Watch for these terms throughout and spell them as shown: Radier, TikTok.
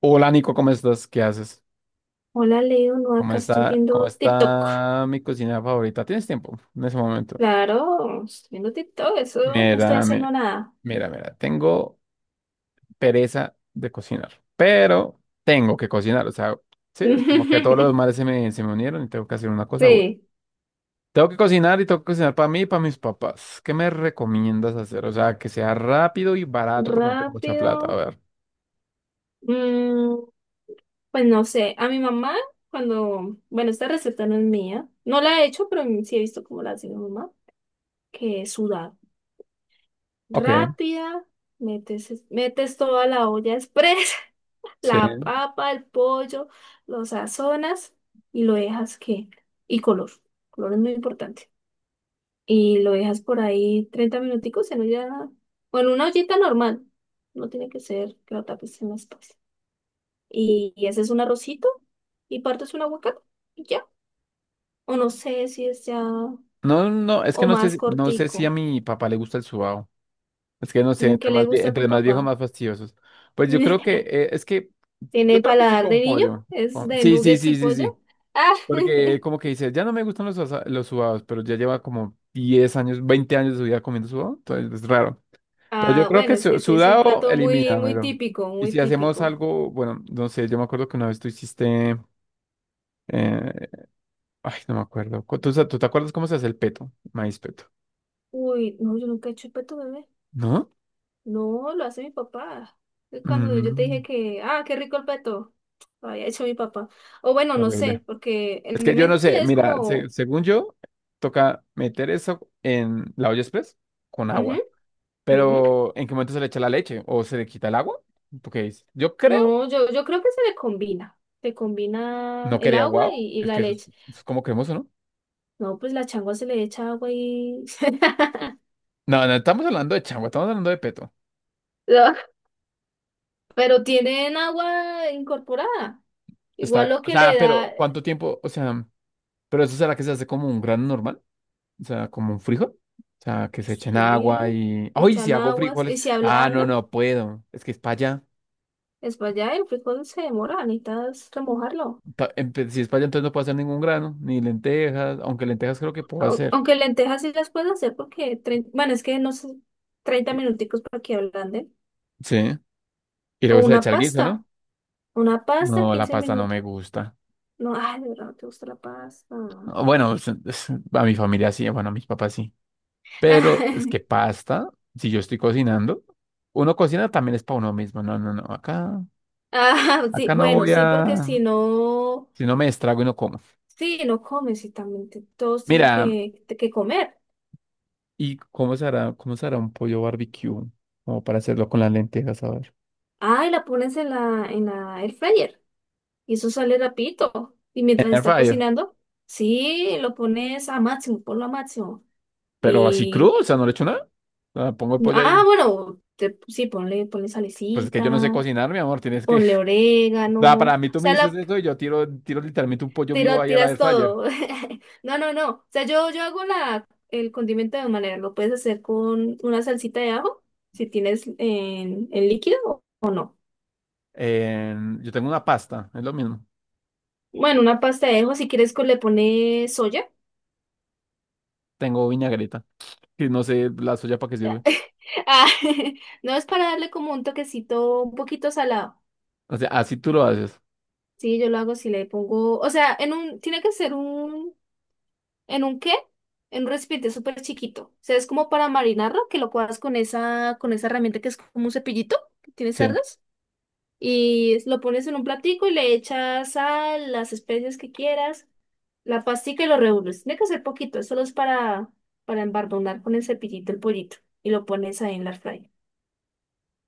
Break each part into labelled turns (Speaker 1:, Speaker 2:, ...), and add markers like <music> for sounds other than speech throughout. Speaker 1: Hola Nico, ¿cómo estás? ¿Qué haces?
Speaker 2: Hola Leo, no,
Speaker 1: ¿Cómo
Speaker 2: acá estoy
Speaker 1: está, cómo
Speaker 2: viendo TikTok.
Speaker 1: está mi cocina favorita? ¿Tienes tiempo en ese momento?
Speaker 2: Claro, estoy viendo TikTok, eso no estoy
Speaker 1: Mira, mi-
Speaker 2: haciendo nada.
Speaker 1: mira, tengo pereza de cocinar, pero tengo que cocinar, o sea, sí, es como que todos los
Speaker 2: <laughs>
Speaker 1: males se me unieron y tengo que hacer una cosa buena.
Speaker 2: Sí,
Speaker 1: Tengo que cocinar y tengo que cocinar para mí y para mis papás. ¿Qué me recomiendas hacer? O sea, que sea rápido y barato porque no tengo mucha plata, a
Speaker 2: rápido.
Speaker 1: ver.
Speaker 2: Mm, pues no sé, a mi mamá, cuando, bueno, esta receta no es mía, no la he hecho, pero sí he visto cómo la hace mi mamá, que es sudar.
Speaker 1: Ok,
Speaker 2: Rápida, metes toda la olla express. <laughs> La
Speaker 1: sí.
Speaker 2: papa, el pollo, lo sazonas y lo dejas que, y color. Color es muy importante. Y lo dejas por ahí 30 minuticos en olla, o en una ollita normal. No tiene que ser que lo tapes en la espalda. Y haces un arrocito y partes un aguacate y ya. O no sé si es ya,
Speaker 1: No, no, es que
Speaker 2: o
Speaker 1: no sé,
Speaker 2: más
Speaker 1: no sé si a
Speaker 2: cortico.
Speaker 1: mi papá le gusta el sudado. Es que no sé,
Speaker 2: ¿Qué
Speaker 1: entre
Speaker 2: le
Speaker 1: más, vie-
Speaker 2: gusta a tu
Speaker 1: entre más viejos,
Speaker 2: papá?
Speaker 1: más fastidiosos. Pues
Speaker 2: <laughs>
Speaker 1: yo
Speaker 2: ¿Tiene
Speaker 1: creo que sí
Speaker 2: paladar
Speaker 1: con
Speaker 2: de niño?
Speaker 1: pollo.
Speaker 2: ¿Es de
Speaker 1: Sí, sí,
Speaker 2: nuggets
Speaker 1: sí,
Speaker 2: y
Speaker 1: sí, sí.
Speaker 2: pollo? Ah,
Speaker 1: Porque como que dice, ya no me gustan los sudados, pero ya lleva como 10 años, 20 años de su vida comiendo sudado, entonces es raro.
Speaker 2: <laughs>
Speaker 1: Pero yo
Speaker 2: ah,
Speaker 1: creo
Speaker 2: bueno,
Speaker 1: que
Speaker 2: es que sí, es un
Speaker 1: sudado,
Speaker 2: plato muy, muy
Speaker 1: elimínamelo.
Speaker 2: típico,
Speaker 1: Y
Speaker 2: muy
Speaker 1: si hacemos
Speaker 2: típico.
Speaker 1: algo, bueno, no sé, yo me acuerdo que una vez tú hiciste, eh, ay, no me acuerdo. ¿Tú te acuerdas cómo se hace el peto? Maíz peto,
Speaker 2: Uy, no, yo nunca he hecho peto bebé.
Speaker 1: ¿no?
Speaker 2: No, lo hace mi papá. Cuando yo te
Speaker 1: Mm,
Speaker 2: dije que, qué rico el peto, lo había hecho mi papá. O bueno, no
Speaker 1: terrible.
Speaker 2: sé, porque en
Speaker 1: Es
Speaker 2: mi
Speaker 1: que yo no
Speaker 2: mente
Speaker 1: sé,
Speaker 2: es
Speaker 1: mira,
Speaker 2: como,
Speaker 1: según yo, toca meter eso en la olla express con
Speaker 2: ujú,
Speaker 1: agua.
Speaker 2: ujú.
Speaker 1: Pero ¿en qué momento se le echa la leche? ¿O se le quita el agua? Porque yo creo,
Speaker 2: No, yo creo que se le combina. Se combina
Speaker 1: no
Speaker 2: el
Speaker 1: quería
Speaker 2: agua
Speaker 1: guau,
Speaker 2: y
Speaker 1: es que
Speaker 2: la
Speaker 1: eso es,
Speaker 2: leche.
Speaker 1: eso es como cremoso, ¿no?
Speaker 2: No, pues la changua se le echa agua y <laughs>
Speaker 1: No, no estamos hablando de changua, estamos hablando de peto.
Speaker 2: no, pero tienen agua incorporada.
Speaker 1: Está
Speaker 2: Igual
Speaker 1: bien.
Speaker 2: lo
Speaker 1: O
Speaker 2: que
Speaker 1: sea,
Speaker 2: le
Speaker 1: pero
Speaker 2: da,
Speaker 1: ¿cuánto tiempo? O sea, ¿pero eso será que se hace como un grano normal? O sea, como un frijol. O sea, que se echen agua
Speaker 2: sí,
Speaker 1: y... ¡Ay, si
Speaker 2: echan
Speaker 1: hago
Speaker 2: aguas y
Speaker 1: frijoles!
Speaker 2: se
Speaker 1: Ah, no,
Speaker 2: ablanda.
Speaker 1: no puedo. Es que es para allá.
Speaker 2: Es para allá, el frijol se demora, necesitas remojarlo.
Speaker 1: Si es para allá, entonces no puedo hacer ningún grano, ni lentejas, aunque lentejas creo que puedo
Speaker 2: Au-
Speaker 1: hacer.
Speaker 2: Aunque lentejas sí las puedes hacer porque, bueno, es que no sé, 30
Speaker 1: Y-
Speaker 2: minuticos para que ablanden.
Speaker 1: Sí. Y
Speaker 2: O
Speaker 1: luego se le
Speaker 2: una
Speaker 1: echa el guiso, ¿no?
Speaker 2: pasta, una pasta,
Speaker 1: No, la
Speaker 2: 15
Speaker 1: pasta no
Speaker 2: minutos.
Speaker 1: me gusta.
Speaker 2: No, ay, de verdad, no te gusta la pasta.
Speaker 1: Ah, bueno, a mi familia sí, bueno, a mis papás sí. Pero es que
Speaker 2: <laughs>
Speaker 1: pasta, si yo estoy cocinando, uno cocina también es para uno mismo. No, no, no. Acá,
Speaker 2: Ah, sí,
Speaker 1: acá no
Speaker 2: bueno,
Speaker 1: voy
Speaker 2: sí, porque
Speaker 1: a.
Speaker 2: si no,
Speaker 1: Si no me estrago y no como.
Speaker 2: sí, no comes y también todos tienen
Speaker 1: Mira,
Speaker 2: que, comer.
Speaker 1: ¿y cómo se hará un pollo barbecue? Como para hacerlo con las lentejas, a ver.
Speaker 2: Ah, y la pones en la air fryer y eso sale rapidito. Y
Speaker 1: En
Speaker 2: mientras
Speaker 1: el air
Speaker 2: está
Speaker 1: fryer.
Speaker 2: cocinando, sí, lo pones a máximo, ponlo a máximo.
Speaker 1: Pero así crudo, o sea, no le echo nada. O sea, pongo el pollo
Speaker 2: Ah,
Speaker 1: ahí.
Speaker 2: bueno, sí, ponle
Speaker 1: Pues es que
Speaker 2: salecita,
Speaker 1: yo no sé cocinar, mi amor, tienes que...
Speaker 2: ponle
Speaker 1: <laughs>
Speaker 2: orégano,
Speaker 1: Da, para
Speaker 2: o
Speaker 1: mí tú me
Speaker 2: sea,
Speaker 1: dices
Speaker 2: la
Speaker 1: eso y yo tiro, tiro literalmente un pollo vivo ahí a la air
Speaker 2: tiras
Speaker 1: fryer.
Speaker 2: todo. <laughs> No, no, no. O sea, yo hago el condimento de dos maneras. Lo puedes hacer con una salsita de ajo, si tienes en líquido o no.
Speaker 1: Eh, yo tengo una pasta, es lo mismo.
Speaker 2: Bueno, una pasta de ajo, si quieres le pones soya. <laughs>
Speaker 1: Tengo vinagreta, que no sé la soya para qué sirve.
Speaker 2: Ah, <laughs> no es para darle como un toquecito un poquito salado.
Speaker 1: O sea, así tú lo haces.
Speaker 2: Sí, yo lo hago si le pongo, o sea, tiene que ser un. ¿En un qué? En un recipiente súper chiquito. O sea, es como para marinarlo, que lo cuadras con esa herramienta que es como un cepillito que tiene
Speaker 1: Sí.
Speaker 2: cerdas. Lo pones en un platico y le echas sal, las especias que quieras, la pastica y lo revuelves. Tiene que ser poquito, es solo es para embardonar con el cepillito el pollito. Y lo pones ahí en la fry.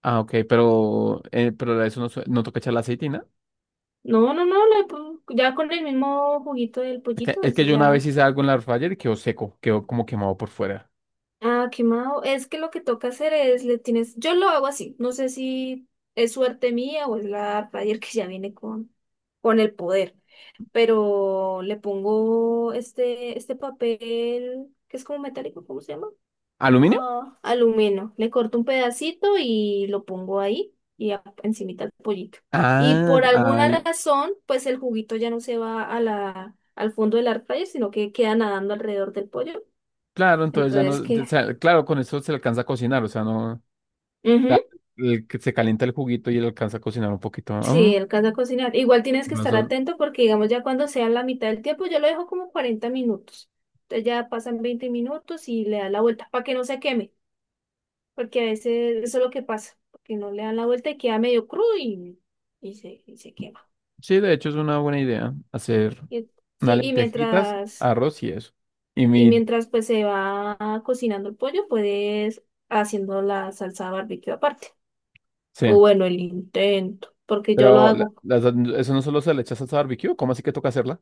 Speaker 1: Ah, ok, pero a eso no toca echar la aceitina.
Speaker 2: No, no, no, ya con el mismo juguito del
Speaker 1: Es que,
Speaker 2: pollito,
Speaker 1: es que
Speaker 2: eso
Speaker 1: yo una vez
Speaker 2: ya.
Speaker 1: hice algo en la air fryer y quedó seco, quedó como quemado por fuera.
Speaker 2: Ah, quemado. Es que lo que toca hacer es, le tienes, yo lo hago así, no sé si es suerte mía o es la Radier que ya viene con el poder, pero le pongo este papel que es como metálico, ¿cómo se llama?
Speaker 1: ¿Aluminio?
Speaker 2: Ah, aluminio. Le corto un pedacito y lo pongo ahí y encimita el pollito. Y
Speaker 1: Ah,
Speaker 2: por alguna
Speaker 1: ay,
Speaker 2: razón, pues el juguito ya no se va a al fondo del air fryer, sino que queda nadando alrededor del pollo.
Speaker 1: claro, entonces ya no,
Speaker 2: Entonces,
Speaker 1: o
Speaker 2: ¿qué?
Speaker 1: sea, claro, con eso se alcanza a cocinar, o sea, no... sea, el que se calienta el juguito y él alcanza a cocinar un poquito. Ah,
Speaker 2: Sí, el caso de cocinar. Igual tienes que
Speaker 1: no
Speaker 2: estar
Speaker 1: son-
Speaker 2: atento porque, digamos, ya cuando sea la mitad del tiempo, yo lo dejo como 40 minutos. Entonces ya pasan 20 minutos y le da la vuelta para que no se queme, porque a veces eso es lo que pasa, porque no le dan la vuelta y queda medio crudo y se quema.
Speaker 1: sí, de hecho es una buena idea hacer
Speaker 2: Y-
Speaker 1: unas
Speaker 2: sí, y
Speaker 1: lentejitas,
Speaker 2: mientras,
Speaker 1: arroz y eso. Y
Speaker 2: y
Speaker 1: mi,
Speaker 2: mientras pues se va cocinando el pollo, puedes haciendo la salsa barbecue aparte. O
Speaker 1: sí,
Speaker 2: bueno, el intento, porque yo lo
Speaker 1: pero
Speaker 2: hago.
Speaker 1: eso no solo se le echa salsa barbecue, ¿cómo así que toca hacerla?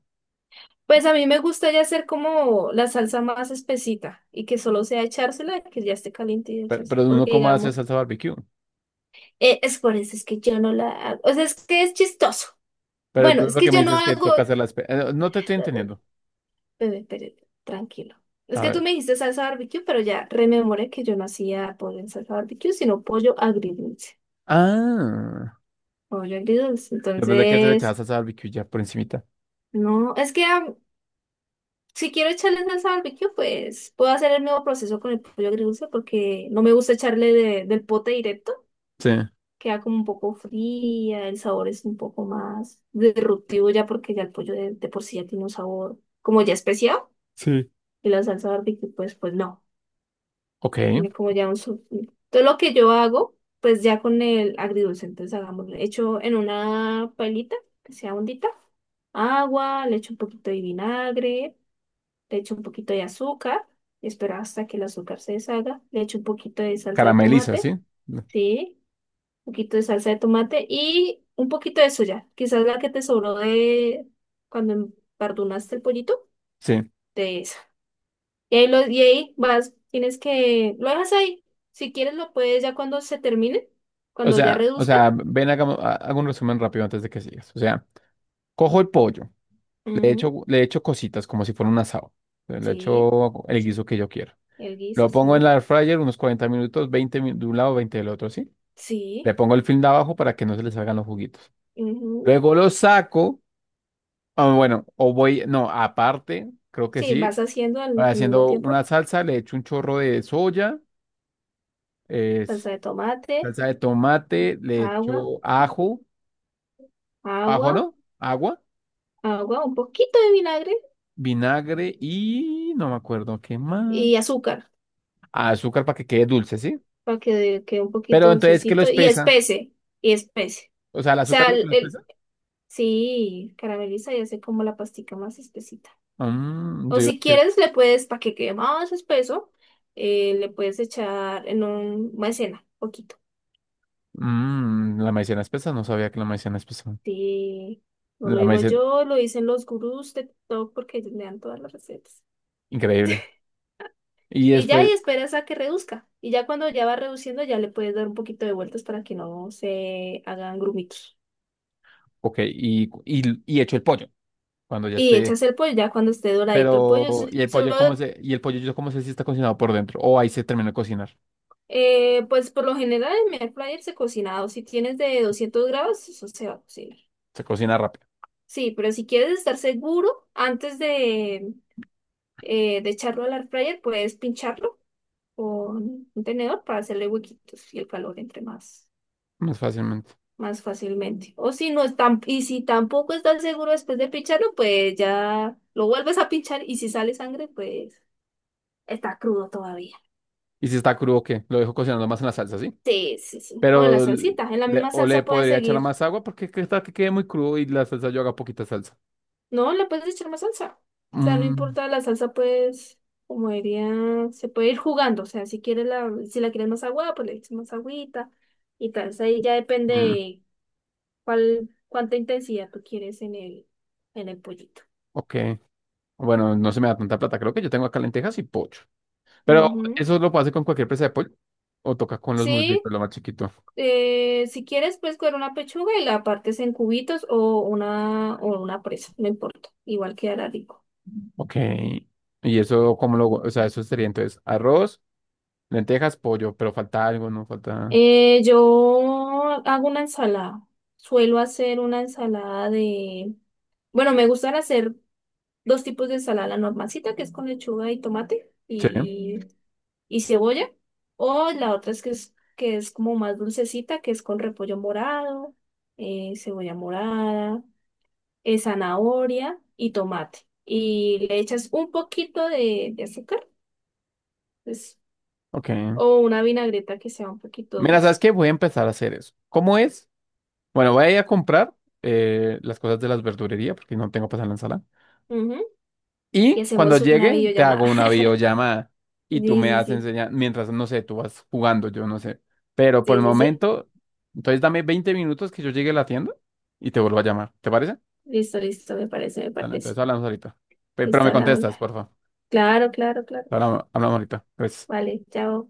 Speaker 2: Pues a mí me gusta ya hacer como la salsa más espesita y que solo sea echársela, que ya esté caliente y
Speaker 1: Pero,
Speaker 2: echarse.
Speaker 1: pero uno
Speaker 2: Porque
Speaker 1: cómo hace
Speaker 2: digamos,
Speaker 1: salsa barbecue.
Speaker 2: es por eso, es que yo no la hago. O sea, es que es chistoso.
Speaker 1: Pero
Speaker 2: Bueno,
Speaker 1: entonces
Speaker 2: es
Speaker 1: lo
Speaker 2: que
Speaker 1: que me
Speaker 2: yo no
Speaker 1: dices es que
Speaker 2: hago.
Speaker 1: toca hacerla. No te estoy
Speaker 2: Bebé,
Speaker 1: entendiendo.
Speaker 2: espere, tranquilo. Es
Speaker 1: A
Speaker 2: que tú
Speaker 1: ver.
Speaker 2: me dijiste salsa barbecue, pero ya rememoré que yo no hacía pollo en salsa barbecue, sino pollo agridulce.
Speaker 1: Ah,
Speaker 2: Pollo agridulce.
Speaker 1: después de que se le echaba
Speaker 2: Entonces,
Speaker 1: salsa barbecue ya por encimita.
Speaker 2: no, es que si quiero echarle salsa barbecue, pues puedo hacer el mismo proceso con el pollo agridulce porque no me gusta echarle del pote directo.
Speaker 1: Sí,
Speaker 2: Queda como un poco fría, el sabor es un poco más disruptivo ya porque ya el pollo de por sí ya tiene un sabor como ya especial.
Speaker 1: sí.
Speaker 2: Y la salsa barbecue, pues no.
Speaker 1: Ok,
Speaker 2: Tiene como ya un... su- Todo lo que yo hago, pues ya con el agridulce. Entonces hagamos, hecho en una pailita que sea hondita, agua, le echo un poquito de vinagre. Le echo un poquito de azúcar, espero hasta que el azúcar se deshaga, le echo un poquito de salsa de
Speaker 1: carameliza,
Speaker 2: tomate,
Speaker 1: ¿sí?
Speaker 2: sí, un poquito de salsa de tomate y un poquito de soya, quizás la que te sobró de cuando empardunaste el pollito,
Speaker 1: Sí.
Speaker 2: de esa. Y ahí vas, lo dejas ahí, si quieres lo puedes ya cuando se termine,
Speaker 1: O
Speaker 2: cuando ya
Speaker 1: sea, o
Speaker 2: reduzca.
Speaker 1: sea, ven, hago un resumen rápido antes de que sigas. O sea, cojo el pollo, le echo,
Speaker 2: Ujú,
Speaker 1: le echo cositas como si fuera un asado. Le
Speaker 2: sí,
Speaker 1: echo el guiso que yo quiero.
Speaker 2: el
Speaker 1: Lo
Speaker 2: guiso,
Speaker 1: pongo en
Speaker 2: sí,
Speaker 1: la air fryer unos 40 minutos, de un lado, 20 del otro, ¿sí?
Speaker 2: sí,
Speaker 1: Le pongo el film de abajo para que no se le salgan los juguitos.
Speaker 2: ujú.
Speaker 1: Luego lo saco, ah, bueno, o voy, no, aparte, creo que
Speaker 2: Sí,
Speaker 1: sí,
Speaker 2: vas haciendo al mismo
Speaker 1: haciendo una
Speaker 2: tiempo
Speaker 1: salsa, le echo un chorro de soya, es
Speaker 2: salsa de tomate,
Speaker 1: salsa de tomate, le
Speaker 2: agua.
Speaker 1: echo ajo, ajo
Speaker 2: Agua,
Speaker 1: no, agua.
Speaker 2: agua, un poquito de vinagre
Speaker 1: Vinagre y no me acuerdo qué más.
Speaker 2: y azúcar
Speaker 1: Ah, azúcar para que quede dulce, ¿sí?
Speaker 2: para que quede un poquito
Speaker 1: Pero entonces, ¿qué lo
Speaker 2: dulcecito y
Speaker 1: espesa?
Speaker 2: espese, y espese.
Speaker 1: O sea, ¿el
Speaker 2: O
Speaker 1: azúcar
Speaker 2: sea,
Speaker 1: es lo que lo espesa?
Speaker 2: sí, carameliza y hace como la pastica más espesita.
Speaker 1: Mm,
Speaker 2: O
Speaker 1: yo iba a
Speaker 2: si
Speaker 1: decir,
Speaker 2: quieres, le puedes, para que quede más espeso, le puedes echar en un maicena, poquito.
Speaker 1: la maicena espesa, no sabía que la maicena espesa.
Speaker 2: Sí, no lo
Speaker 1: La
Speaker 2: digo
Speaker 1: maicena,
Speaker 2: yo, lo dicen los gurús de TikTok porque ellos me dan todas las recetas.
Speaker 1: increíble.
Speaker 2: <laughs>
Speaker 1: Y
Speaker 2: Y ya
Speaker 1: después,
Speaker 2: y esperas a que reduzca. Y ya cuando ya va reduciendo, ya le puedes dar un poquito de vueltas para que no se hagan grumitos.
Speaker 1: ok, y hecho el pollo, cuando ya
Speaker 2: Y
Speaker 1: esté.
Speaker 2: echas el pollo, ya cuando esté doradito el pollo,
Speaker 1: Pero,
Speaker 2: solo,
Speaker 1: ¿y el pollo yo cómo sé si está cocinado por dentro? O ahí se termina de cocinar.
Speaker 2: pues por lo general en mi air fryer se cocina, o si tienes de 200 grados, eso se va a cocinar.
Speaker 1: Se cocina rápido,
Speaker 2: Sí, pero si quieres estar seguro, antes de echarlo al air fryer, puedes pincharlo con un tenedor para hacerle huequitos y el calor entre más.
Speaker 1: más fácilmente.
Speaker 2: Más fácilmente. O si no están, y si tampoco estás seguro después de pincharlo, pues ya lo vuelves a pinchar y si sale sangre, pues está crudo todavía.
Speaker 1: Y si está crudo, ¿qué? Lo dejo cocinando más en la salsa, ¿sí?
Speaker 2: Sí, sí, sí. O en la
Speaker 1: Pero
Speaker 2: salsita, en la misma
Speaker 1: o le
Speaker 2: salsa puedes
Speaker 1: podría echar
Speaker 2: seguir.
Speaker 1: más agua porque qué tal que quede muy crudo y la salsa yo haga poquita salsa.
Speaker 2: No, le puedes echar más salsa. O sea, no
Speaker 1: Mm,
Speaker 2: importa la salsa, pues, como diría, se puede ir jugando. O sea, si la quieres más agua, pues le echas más agüita y tal. O sea, ahí ya depende
Speaker 1: mm,
Speaker 2: de cuál, cuánta intensidad tú quieres en el, pollito.
Speaker 1: ok. Bueno, no se me da tanta plata. Creo que yo tengo acá lentejas y pollo. Pero
Speaker 2: Ujú.
Speaker 1: eso lo puedo hacer con cualquier presa de pollo. O toca con los
Speaker 2: Sí,
Speaker 1: muslitos, lo más chiquito.
Speaker 2: Si quieres, puedes coger una pechuga y la partes en cubitos o una presa, no importa, igual quedará rico.
Speaker 1: Ok. Y eso, ¿cómo lo...? O sea, eso sería entonces arroz, lentejas, pollo. Pero falta algo, ¿no? Falta...
Speaker 2: Yo hago una ensalada. Suelo hacer una ensalada de. Bueno, me gustan hacer dos tipos de ensalada, la normalcita, que es con lechuga y tomate
Speaker 1: Sí.
Speaker 2: y cebolla, o la otra es que es, como más dulcecita, que es con repollo morado, cebolla morada. Zanahoria y tomate. Y le echas un poquito de azúcar, pues,
Speaker 1: Ok.
Speaker 2: o una vinagreta que sea un poquito
Speaker 1: Mira, ¿sabes
Speaker 2: dulce.
Speaker 1: qué? Voy a empezar a hacer eso. ¿Cómo es? Bueno, voy a ir a comprar las cosas de las verdurerías porque no tengo para hacer la ensalada.
Speaker 2: Ujú. Y
Speaker 1: Y cuando
Speaker 2: hacemos una
Speaker 1: llegue, te
Speaker 2: videollamada.
Speaker 1: hago una
Speaker 2: <laughs>
Speaker 1: videollamada
Speaker 2: Sí,
Speaker 1: y tú me
Speaker 2: sí,
Speaker 1: vas
Speaker 2: sí.
Speaker 1: enseñando, mientras, no sé, tú vas jugando, yo no sé. Pero por
Speaker 2: Sí,
Speaker 1: el
Speaker 2: sí, sí.
Speaker 1: momento, entonces dame 20 minutos que yo llegue a la tienda y te vuelvo a llamar. ¿Te parece?
Speaker 2: Listo, listo, me parece, me
Speaker 1: Dale, entonces
Speaker 2: parece.
Speaker 1: hablamos ahorita. Pero
Speaker 2: Listo,
Speaker 1: me
Speaker 2: hablamos.
Speaker 1: contestas, por favor.
Speaker 2: Claro, claro, claro.
Speaker 1: Hablamos, hablamos ahorita. Gracias.
Speaker 2: Vale, chao.